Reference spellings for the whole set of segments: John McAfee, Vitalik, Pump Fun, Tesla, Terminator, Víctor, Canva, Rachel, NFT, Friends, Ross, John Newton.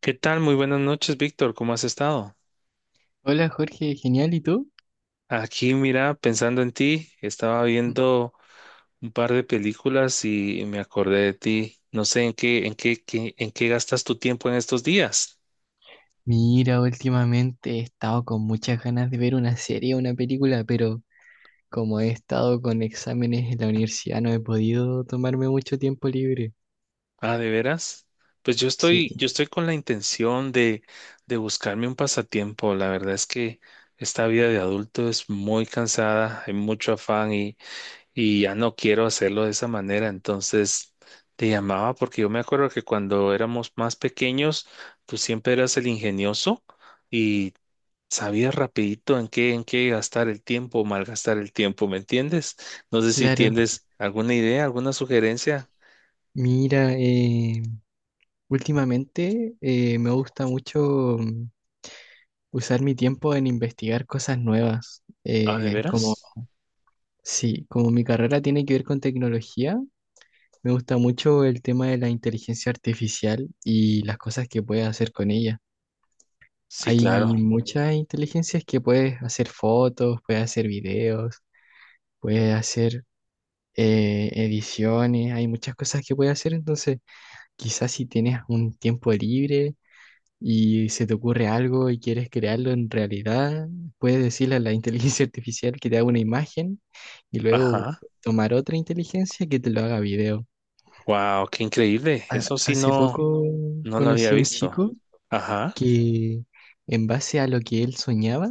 ¿Qué tal? Muy buenas noches, Víctor. ¿Cómo has estado? Hola Jorge, genial, ¿y tú? Aquí, mira, pensando en ti, estaba viendo un par de películas y me acordé de ti. No sé en qué gastas tu tiempo en estos días. Mira, últimamente he estado con muchas ganas de ver una serie o una película, pero como he estado con exámenes en la universidad no he podido tomarme mucho tiempo libre. Ah, ¿de veras? Pues yo estoy, Sí, yo estoy con la intención de buscarme un pasatiempo. La verdad es que esta vida de adulto es muy cansada, hay mucho afán y ya no quiero hacerlo de esa manera. Entonces te llamaba porque yo me acuerdo que cuando éramos más pequeños, tú siempre eras el ingenioso y sabías rapidito en qué gastar el tiempo, o malgastar el tiempo, ¿me entiendes? No sé si claro. tienes alguna idea, alguna sugerencia. Mira, últimamente me gusta mucho usar mi tiempo en investigar cosas nuevas. Ah, ¿de Como veras? sí, como mi carrera tiene que ver con tecnología, me gusta mucho el tema de la inteligencia artificial y las cosas que puedes hacer con ella. Sí, Hay claro. muchas inteligencias que puedes hacer fotos, puedes hacer videos, puedes hacer ediciones, hay muchas cosas que puedes hacer. Entonces, quizás si tienes un tiempo libre y se te ocurre algo y quieres crearlo en realidad, puedes decirle a la inteligencia artificial que te haga una imagen y luego Ajá. tomar otra inteligencia que te lo haga video. Wow, qué increíble. Eso sí Hace no, poco no lo había conocí a un visto. chico Ajá. que, en base a lo que él soñaba,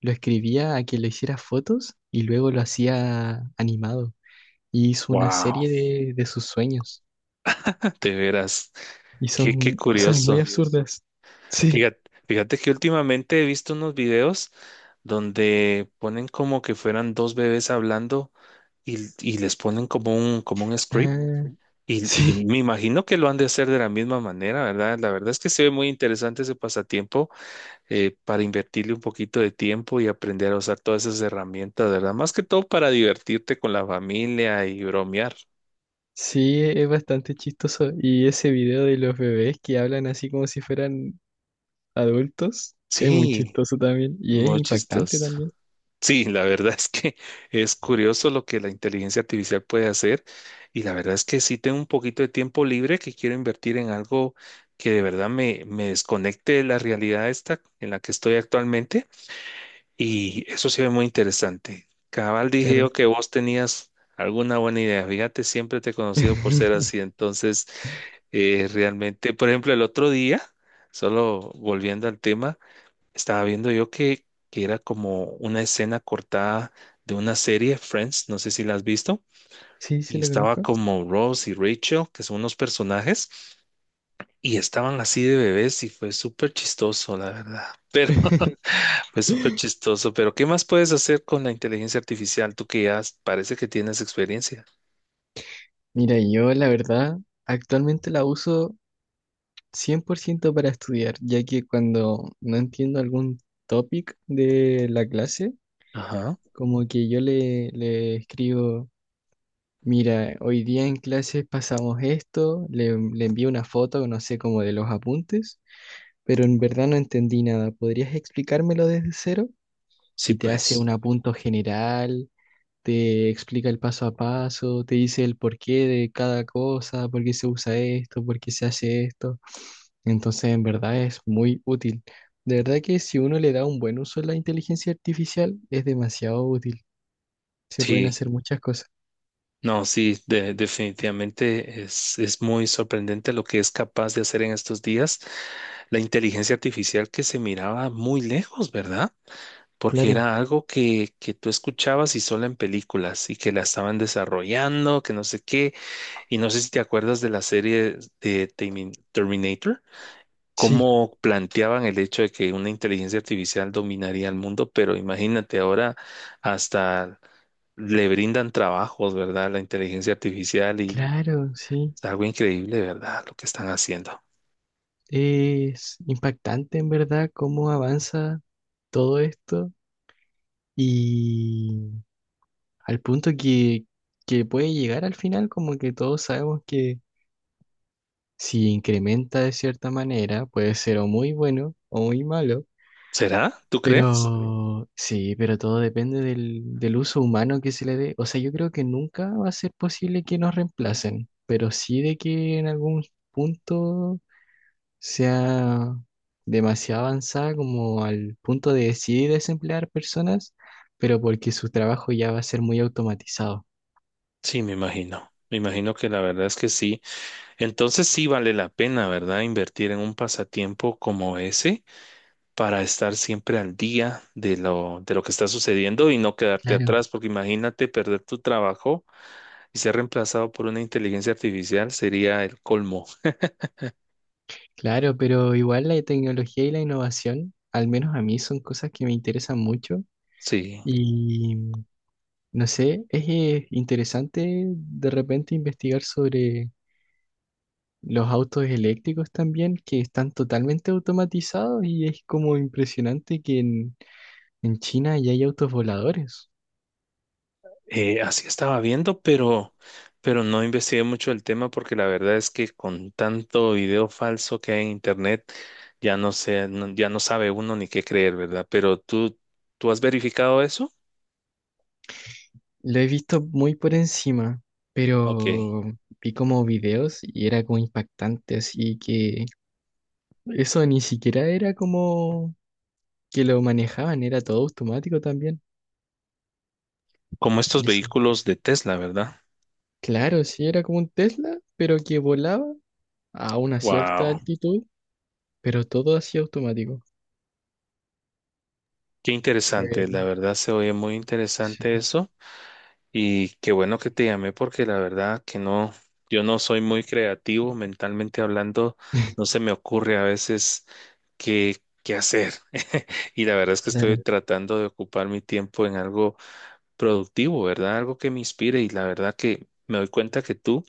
lo escribía a que le hiciera fotos y luego lo hacía animado. Y hizo una Wow, serie de sus sueños. de veras. Y Qué, qué son cosas muy curioso. absurdas. Sí, Fíjate, fíjate que últimamente he visto unos videos donde ponen como que fueran dos bebés hablando y les ponen como un script. ah, Y sí, me imagino que lo han de hacer de la misma manera, ¿verdad? La verdad es que se ve muy interesante ese pasatiempo para invertirle un poquito de tiempo y aprender a usar todas esas herramientas, ¿verdad? Más que todo para divertirte con la familia y bromear. sí, es bastante chistoso. Y ese video de los bebés que hablan así como si fueran adultos es muy Sí, chistoso también. Y es muy impactante chistoso. también. Sí, la verdad es que es curioso lo que la inteligencia artificial puede hacer y la verdad es que sí tengo un poquito de tiempo libre que quiero invertir en algo que de verdad me, me desconecte de la realidad esta en la que estoy actualmente y eso se ve muy interesante. Cabal dije Claro. yo que vos tenías alguna buena idea. Fíjate, siempre te he conocido por ser así. Entonces, realmente, por ejemplo, el otro día, solo volviendo al tema. Estaba viendo yo que era como una escena cortada de una serie, Friends, no sé si la has visto, Sí, y sí, lo estaba conozco. como Ross y Rachel, que son unos personajes, y estaban así de bebés y fue súper chistoso, la verdad. Pero fue súper chistoso, pero ¿qué más puedes hacer con la inteligencia artificial? Tú que ya parece que tienes experiencia. Mira, yo la verdad actualmente la uso 100% para estudiar, ya que cuando no entiendo algún topic de la clase, Ajá. como que yo le escribo, mira, hoy día en clases pasamos esto, le envío una foto, no sé, como de los apuntes, pero en verdad no entendí nada, ¿podrías explicármelo desde cero? Sí, Y te hace un pues. apunto general, te explica el paso a paso, te dice el porqué de cada cosa, por qué se usa esto, por qué se hace esto. Entonces, en verdad es muy útil. De verdad que si uno le da un buen uso a la inteligencia artificial, es demasiado útil. Se pueden Sí. hacer muchas cosas. No, sí, definitivamente es muy sorprendente lo que es capaz de hacer en estos días la inteligencia artificial que se miraba muy lejos, ¿verdad? Porque Claro, era algo que tú escuchabas y solo en películas y que la estaban desarrollando, que no sé qué, y no sé si te acuerdas de la serie de Terminator, sí, cómo planteaban el hecho de que una inteligencia artificial dominaría el mundo, pero imagínate ahora hasta le brindan trabajos, ¿verdad? La inteligencia artificial y claro, sí. es algo increíble, ¿verdad? Lo que están haciendo. Es impactante en verdad cómo avanza todo esto y al punto que puede llegar al final, como que todos sabemos que si incrementa de cierta manera, puede ser o muy bueno o muy malo, ¿Será? ¿Tú crees? pero sí, pero todo depende del uso humano que se le dé. O sea, yo creo que nunca va a ser posible que nos reemplacen, pero sí de que en algún punto sea demasiado avanzada como al punto de decidir desemplear personas, pero porque su trabajo ya va a ser muy automatizado. Sí, me imagino. Me imagino que la verdad es que sí. Entonces sí vale la pena, ¿verdad? Invertir en un pasatiempo como ese. Para estar siempre al día de lo que está sucediendo y no quedarte Claro. atrás, porque imagínate perder tu trabajo y ser reemplazado por una inteligencia artificial sería el colmo. Claro, pero igual la tecnología y la innovación, al menos a mí, son cosas que me interesan mucho. Sí, Y no sé, es interesante de repente investigar sobre los autos eléctricos también, que están totalmente automatizados, y es como impresionante que en China ya hay autos voladores. Así estaba viendo, pero no investigué mucho el tema porque la verdad es que con tanto video falso que hay en internet, ya no sé, ya no sabe uno ni qué creer, ¿verdad? Pero tú, ¿tú has verificado eso? Lo he visto muy por encima, Ok, pero vi como videos y era como impactante, así que eso ni siquiera era como que lo manejaban, era todo automático también. como estos Y eso, vehículos de Tesla, ¿verdad? claro, sí era como un Tesla, pero que volaba a una cierta Wow. altitud, pero todo así automático. Qué Fue, interesante, la verdad se oye muy sí, interesante eso y qué bueno que te llamé porque la verdad que no, yo no soy muy creativo mentalmente hablando, no se me ocurre a veces qué, qué hacer y la verdad es que estoy claro, tratando de ocupar mi tiempo en algo productivo, ¿verdad? Algo que me inspire y la verdad que me doy cuenta que tú,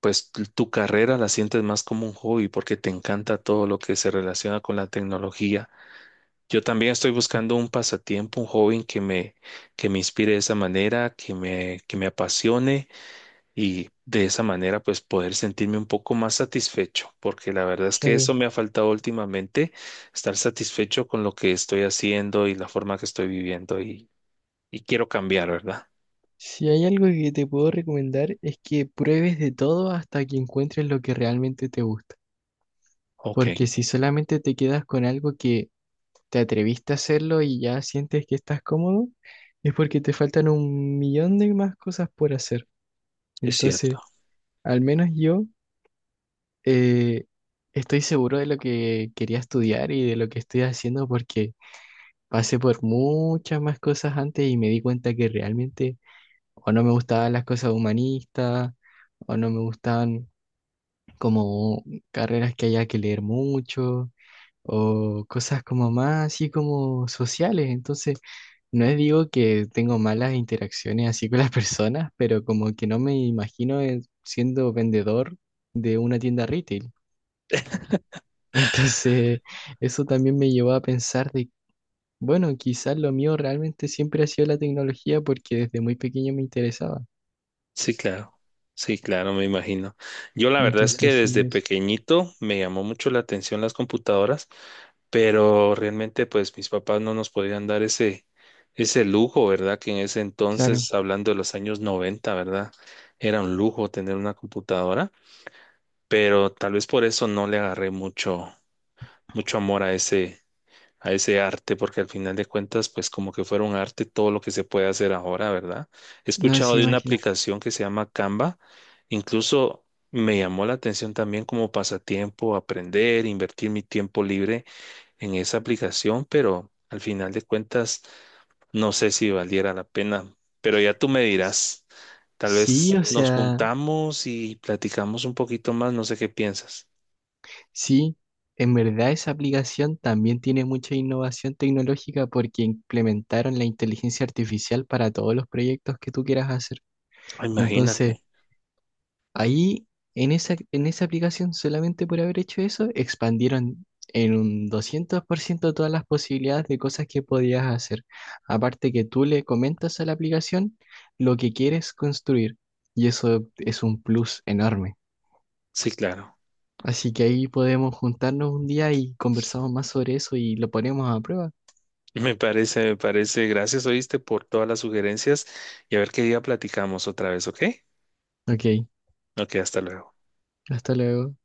pues tu carrera la sientes más como un hobby porque te encanta todo lo que se relaciona con la tecnología. Yo también estoy buscando un pasatiempo, un joven que me inspire de esa manera, que me apasione y de esa manera pues poder sentirme un poco más satisfecho, porque la verdad es que eso claro. me ha faltado últimamente, estar satisfecho con lo que estoy haciendo y la forma que estoy viviendo y quiero cambiar, ¿verdad? Si hay algo que te puedo recomendar es que pruebes de todo hasta que encuentres lo que realmente te gusta. Ok, Porque si solamente te quedas con algo que te atreviste a hacerlo y ya sientes que estás cómodo, es porque te faltan un millón de más cosas por hacer. es cierto. Entonces, al menos yo eh, estoy seguro de lo que quería estudiar y de lo que estoy haciendo porque pasé por muchas más cosas antes y me di cuenta que realmente o no me gustaban las cosas humanistas, o no me gustaban como carreras que haya que leer mucho, o cosas como más así como sociales. Entonces, no es digo que tengo malas interacciones así con las personas, pero como que no me imagino siendo vendedor de una tienda retail. Entonces, eso también me llevó a pensar de bueno, quizás lo mío realmente siempre ha sido la tecnología porque desde muy pequeño me interesaba. Sí, claro. Sí, claro, me imagino. Yo la verdad es Entonces, que así desde es. pequeñito me llamó mucho la atención las computadoras, pero realmente pues mis papás no nos podían dar ese, ese lujo, ¿verdad? Que en ese Claro, entonces, hablando de los años 90, ¿verdad? Era un lujo tener una computadora, pero tal vez por eso no le agarré mucho, mucho amor a ese arte, porque al final de cuentas, pues como que fuera un arte todo lo que se puede hacer ahora, ¿verdad? He no escuchado se de una imagina. aplicación que se llama Canva, incluso me llamó la atención también como pasatiempo, aprender, invertir mi tiempo libre en esa aplicación, pero al final de cuentas, no sé si valiera la pena, pero ya tú me dirás, tal Sí, vez o nos sea, juntamos y platicamos un poquito más, no sé qué piensas. sí, en verdad esa aplicación también tiene mucha innovación tecnológica porque implementaron la inteligencia artificial para todos los proyectos que tú quieras hacer. Ah, Entonces, imagínate, ahí, en esa aplicación, solamente por haber hecho eso, expandieron en un 200% todas las posibilidades de cosas que podías hacer. Aparte que tú le comentas a la aplicación lo que quieres construir y eso es un plus enorme. sí, claro. Así que ahí podemos juntarnos un día y conversamos más sobre eso y lo ponemos a prueba. Me parece, me parece. Gracias, oíste, por todas las sugerencias y a ver qué día platicamos otra vez, ¿ok? Ok, Ok, hasta luego. hasta luego.